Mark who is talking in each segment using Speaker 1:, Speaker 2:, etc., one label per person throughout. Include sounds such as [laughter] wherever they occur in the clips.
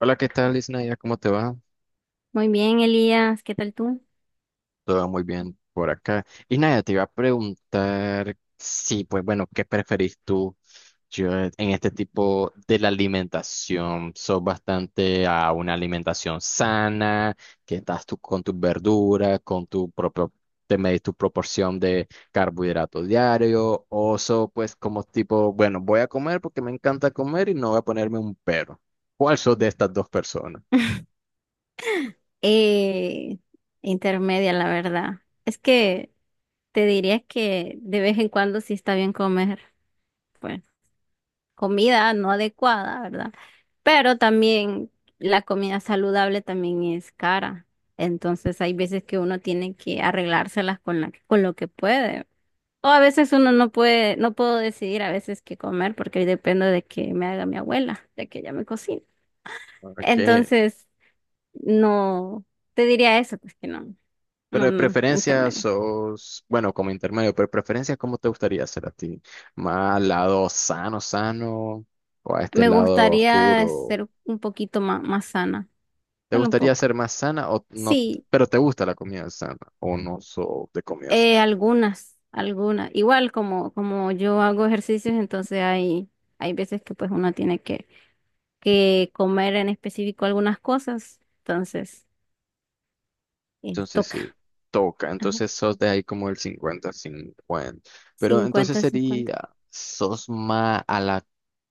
Speaker 1: Hola, ¿qué tal, Isnaya? ¿Cómo te va?
Speaker 2: Muy bien, Elías, ¿qué tal tú?
Speaker 1: Todo muy bien por acá. Y Isnaya, te iba a preguntar si, pues bueno, ¿qué preferís tú? Yo, en este tipo de la alimentación, ¿sos bastante a una alimentación sana? Que estás tú con tus verduras, con tu propio, te medís tu proporción de carbohidrato diario. ¿O sos pues como tipo, bueno, voy a comer porque me encanta comer y no voy a ponerme un pero? ¿Cuál sos de estas dos personas?
Speaker 2: [laughs] Eh, Intermedia, la verdad. Es que te diría que de vez en cuando sí está bien comer, pues, comida no adecuada, ¿verdad? Pero también la comida saludable también es cara. Entonces hay veces que uno tiene que arreglárselas con con lo que puede. O a veces uno no puede, no puedo decidir a veces qué comer porque depende de que me haga mi abuela, de que ella me cocine.
Speaker 1: Ok.
Speaker 2: Entonces no, te diría eso, pues que no,
Speaker 1: Pero
Speaker 2: no,
Speaker 1: de
Speaker 2: no,
Speaker 1: preferencia
Speaker 2: intermedias.
Speaker 1: sos, bueno, como intermedio, pero de preferencia, ¿cómo te gustaría ser a ti? ¿Más al lado sano, sano? ¿O a este
Speaker 2: Me
Speaker 1: lado
Speaker 2: gustaría
Speaker 1: oscuro?
Speaker 2: ser un poquito más sana,
Speaker 1: ¿Te
Speaker 2: solo un
Speaker 1: gustaría ser
Speaker 2: poco.
Speaker 1: más sana o no?
Speaker 2: Sí,
Speaker 1: Pero ¿te gusta la comida sana o no sos de comida sana?
Speaker 2: algunas, algunas. Igual como yo hago ejercicios, entonces hay veces que pues uno tiene que comer en específico algunas cosas, entonces
Speaker 1: Entonces
Speaker 2: toca.
Speaker 1: sí, toca.
Speaker 2: Ajá,
Speaker 1: Entonces sos de ahí como el 50-50. Pero entonces
Speaker 2: cincuenta 50.
Speaker 1: sería, ¿sos más a la...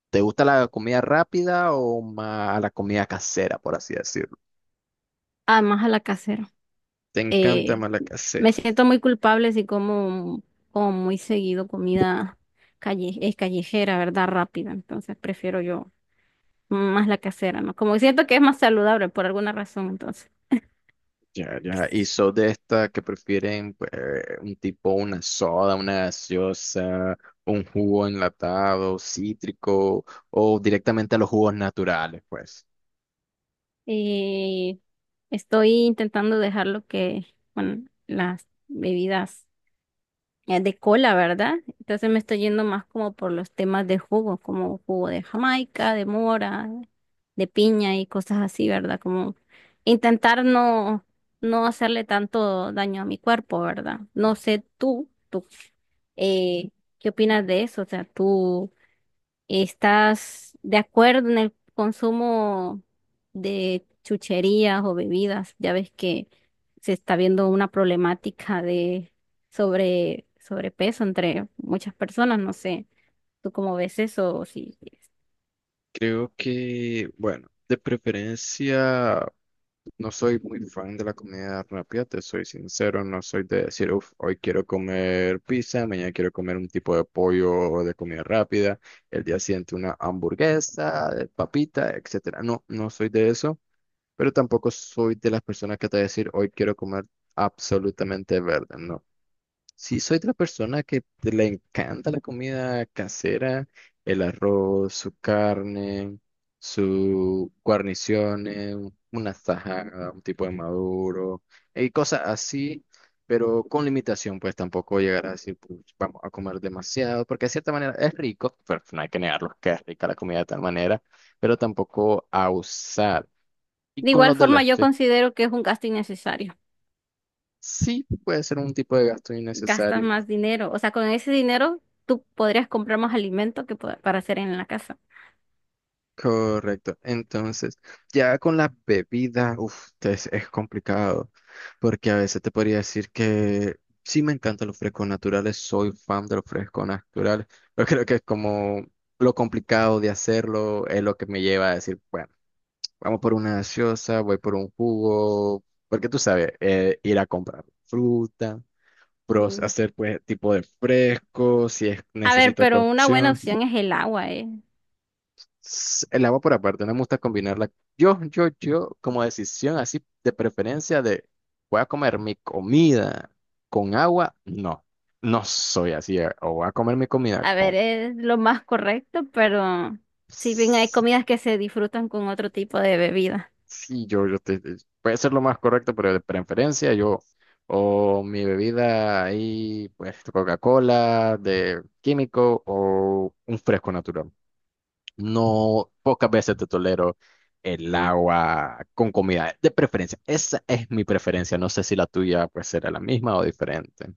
Speaker 1: ¿te gusta la comida rápida o más a la comida casera, por así decirlo?
Speaker 2: Ah, más a la casera.
Speaker 1: ¿Te encanta
Speaker 2: eh,
Speaker 1: más la
Speaker 2: Me
Speaker 1: casera?
Speaker 2: siento muy culpable si como muy seguido comida calle, es callejera, ¿verdad? Rápida. Entonces prefiero yo más la casera, ¿no? Como siento que es más saludable por alguna razón, entonces.
Speaker 1: Ya, ya. Y sos de esta que prefieren pues, un tipo, una soda, una gaseosa, un jugo enlatado, cítrico, o directamente a los jugos naturales, pues.
Speaker 2: Eh, Estoy intentando dejar lo que, bueno, las bebidas de cola, ¿verdad? Entonces me estoy yendo más como por los temas de jugo, como jugo de Jamaica, de mora. De piña y cosas así, ¿verdad? Como intentar no, no hacerle tanto daño a mi cuerpo, ¿verdad? No sé tú, eh, ¿qué opinas de eso? O sea, ¿tú estás de acuerdo en el consumo de chucherías o bebidas? Ya ves que se está viendo una problemática de sobrepeso entre muchas personas, no sé. ¿Tú cómo ves eso? O si-
Speaker 1: Creo que, bueno, de preferencia no soy muy fan de la comida rápida, te soy sincero, no soy de decir, uff, hoy quiero comer pizza, mañana quiero comer un tipo de pollo o de comida rápida, el día siguiente una hamburguesa, de papita, etcétera. No, no soy de eso. Pero tampoco soy de las personas que te va a decir, hoy quiero comer absolutamente verde, no. Sí soy de la persona que le encanta la comida casera, el arroz, su carne, su guarniciones, una tajada, un tipo de maduro, y cosas así, pero con limitación, pues tampoco llegar a decir, "Puch, vamos a comer demasiado", porque de cierta manera es rico, pero no hay que negarlo, que es rica la comida de tal manera, pero tampoco a usar. Y
Speaker 2: De
Speaker 1: con
Speaker 2: igual
Speaker 1: los de
Speaker 2: forma,
Speaker 1: la,
Speaker 2: yo
Speaker 1: sí.
Speaker 2: considero que es un gasto innecesario.
Speaker 1: Sí, puede ser un tipo de gasto
Speaker 2: Gastas
Speaker 1: innecesario.
Speaker 2: más dinero. O sea, con ese dinero tú podrías comprar más alimento para hacer en la casa.
Speaker 1: Correcto. Entonces, ya con la bebida, uff, es complicado, porque a veces te podría decir que sí me encantan los frescos naturales, soy fan de los frescos naturales, [laughs] pero creo que es como lo complicado de hacerlo es lo que me lleva a decir, bueno, vamos por una gaseosa, voy por un jugo, porque tú sabes, ir a comprar fruta, pros,
Speaker 2: Mm.
Speaker 1: hacer pues tipo de fresco, si es,
Speaker 2: A ver,
Speaker 1: necesita
Speaker 2: pero una buena
Speaker 1: cocción.
Speaker 2: opción es el agua, ¿eh?
Speaker 1: El agua por aparte, no me gusta combinarla. Yo, como decisión así de preferencia de voy a comer mi comida con agua, no, no soy así. O voy a comer mi comida
Speaker 2: A ver,
Speaker 1: con...
Speaker 2: es lo más correcto, pero si bien hay
Speaker 1: s-
Speaker 2: comidas que se disfrutan con otro tipo de bebida.
Speaker 1: Sí, yo puede ser lo más correcto, pero de preferencia yo, o mi bebida ahí, pues Coca-Cola de químico o un fresco natural. No, pocas veces te tolero el agua con comida, de preferencia. Esa es mi preferencia. No sé si la tuya pues será la misma o diferente,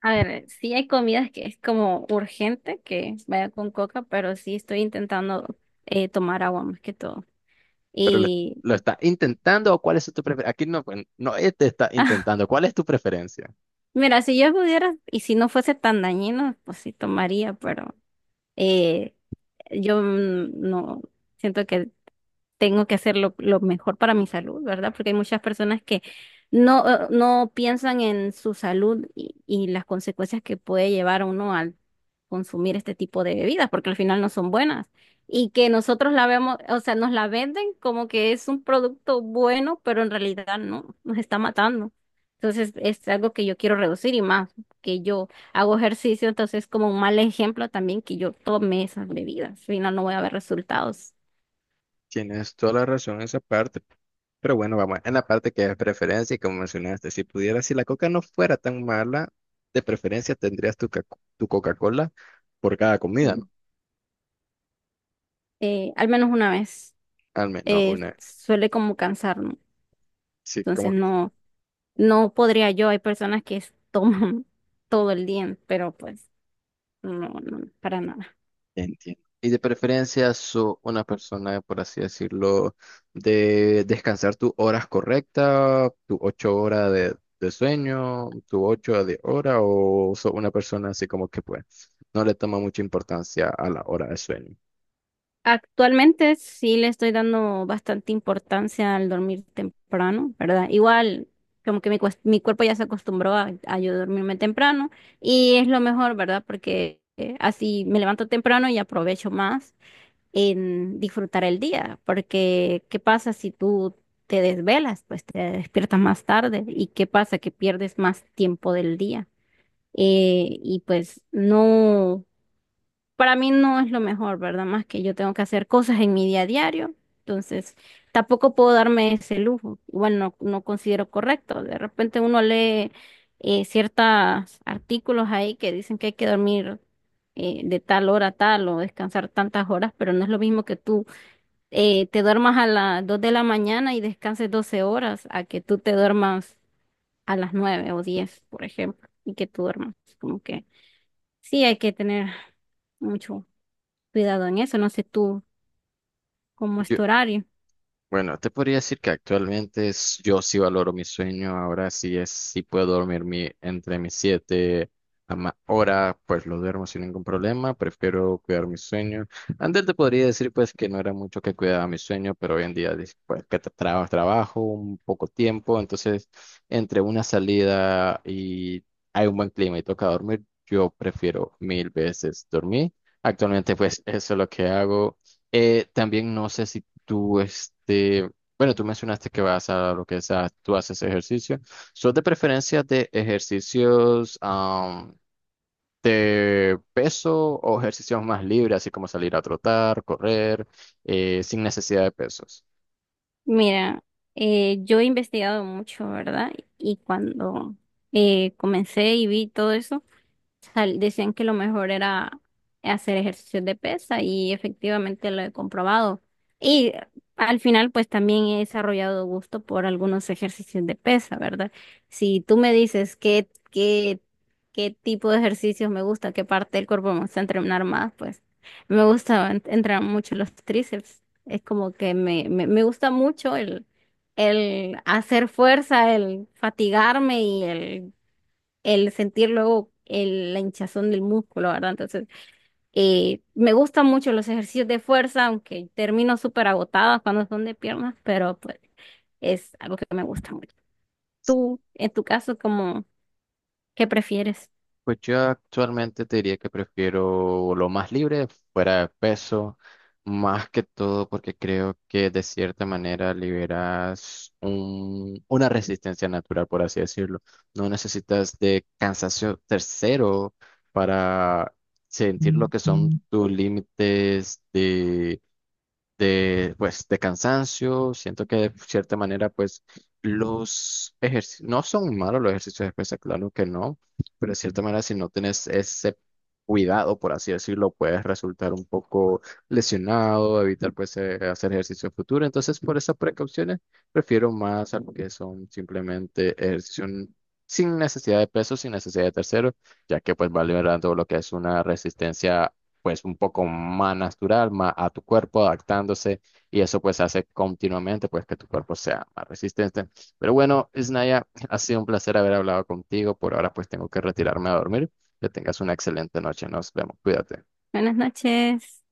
Speaker 2: A ver, sí hay comidas que es como urgente que vaya con coca, pero sí estoy intentando tomar agua más que todo.
Speaker 1: pero
Speaker 2: Y
Speaker 1: lo estás intentando o cuál es tu preferencia. Aquí no, pues, no, este está
Speaker 2: [laughs]
Speaker 1: intentando. ¿Cuál es tu preferencia?
Speaker 2: mira, si yo pudiera y si no fuese tan dañino, pues sí tomaría, pero Eh, yo no siento que tengo que hacer lo mejor para mi salud, ¿verdad? Porque hay muchas personas que no, no piensan en su salud y las consecuencias que puede llevar uno al consumir este tipo de bebidas, porque al final no son buenas. Y que nosotros la vemos, o sea, nos la venden como que es un producto bueno, pero en realidad no, nos está matando. Entonces es algo que yo quiero reducir y más, que yo hago ejercicio, entonces es como un mal ejemplo también que yo tome esas bebidas, al final no voy a ver resultados.
Speaker 1: Tienes toda la razón en esa parte. Pero bueno, vamos, en la parte que es preferencia, y como mencionaste, si pudieras, si la coca no fuera tan mala, de preferencia tendrías tu, tu Coca-Cola por cada comida, ¿no?
Speaker 2: Al menos una vez,
Speaker 1: Al menos una.
Speaker 2: suele como cansarme.
Speaker 1: Sí,
Speaker 2: Entonces
Speaker 1: como...
Speaker 2: no, no podría yo. Hay personas toman [laughs] todo el día, pero pues no, no, para nada.
Speaker 1: Entiendo. Y de preferencia, sos una persona, por así decirlo, de descansar tus horas correctas, tus 8 horas de sueño, tus ocho de hora, o sos una persona así como que pues no le toma mucha importancia a la hora de sueño.
Speaker 2: Actualmente sí le estoy dando bastante importancia al dormir temprano, ¿verdad? Igual, como que mi cuerpo ya se acostumbró a yo dormirme temprano y es lo mejor, ¿verdad? Porque así me levanto temprano y aprovecho más en disfrutar el día, porque ¿qué pasa si tú te desvelas? Pues te despiertas más tarde y ¿qué pasa? Que pierdes más tiempo del día. Y pues no, para mí no es lo mejor, ¿verdad? Más que yo tengo que hacer cosas en mi día a diario, entonces tampoco puedo darme ese lujo. Igual no, no considero correcto. De repente uno lee ciertos artículos ahí que dicen que hay que dormir de tal hora a tal o descansar tantas horas, pero no es lo mismo que tú te duermas a las 2 de la mañana y descanses 12 horas, a que tú te duermas a las 9 o 10 por ejemplo, y que tú duermas. Como que sí, hay que tener mucho cuidado en eso. No sé tú cómo es tu horario.
Speaker 1: Bueno, te podría decir que actualmente yo sí valoro mi sueño, ahora sí es, sí puedo dormir entre mis 7 a horas, pues lo duermo sin ningún problema, prefiero cuidar mi sueño. Antes te podría decir pues que no era mucho que cuidaba mi sueño, pero hoy en día dis- pues que trabajo un poco tiempo, entonces entre una salida y hay un buen clima y toca dormir, yo prefiero mil veces dormir. Actualmente pues eso es lo que hago. También no sé si tú, este, bueno, tú mencionaste que vas a lo que es tú haces ejercicio. ¿Sos de preferencia de ejercicios am, de peso, o ejercicios más libres, así como salir a trotar, correr, sin necesidad de pesos?
Speaker 2: Mira, yo he investigado mucho, ¿verdad? Y cuando comencé y vi todo eso, decían que lo mejor era hacer ejercicios de pesa y efectivamente lo he comprobado. Y al final, pues también he desarrollado gusto por algunos ejercicios de pesa, ¿verdad? Si tú me dices qué tipo de ejercicios me gusta, qué parte del cuerpo me gusta entrenar más, pues me gusta entrenar mucho los tríceps. Es como que me gusta mucho el hacer fuerza, el fatigarme y el sentir luego la hinchazón del músculo, ¿verdad? Entonces, me gustan mucho los ejercicios de fuerza, aunque termino súper agotada cuando son de piernas, pero pues es algo que me gusta mucho. Tú, en tu caso, cómo ¿qué prefieres?
Speaker 1: Pues yo actualmente te diría que prefiero lo más libre, fuera de peso, más que todo porque creo que de cierta manera liberas una resistencia natural, por así decirlo. No necesitas de cansancio tercero para sentir lo que son tus límites de, pues, de cansancio. Siento que de cierta manera, pues, los ejercicios, no son malos los ejercicios de pesas, claro que no, pero de cierta manera, si no tienes ese cuidado, por así decirlo, puedes resultar un poco lesionado, evitar, pues, hacer ejercicio en futuro. Entonces, por esas precauciones, prefiero más a lo que son simplemente ejercicios sin necesidad de peso, sin necesidad de terceros, ya que pues va liberando lo que es una resistencia pues un poco más natural, más a tu cuerpo, adaptándose, y eso pues hace continuamente pues que tu cuerpo sea más resistente. Pero bueno, Isnaya, ha sido un placer haber hablado contigo. Por ahora pues tengo que retirarme a dormir. Que tengas una excelente noche. Nos vemos. Cuídate.
Speaker 2: Buenas noches.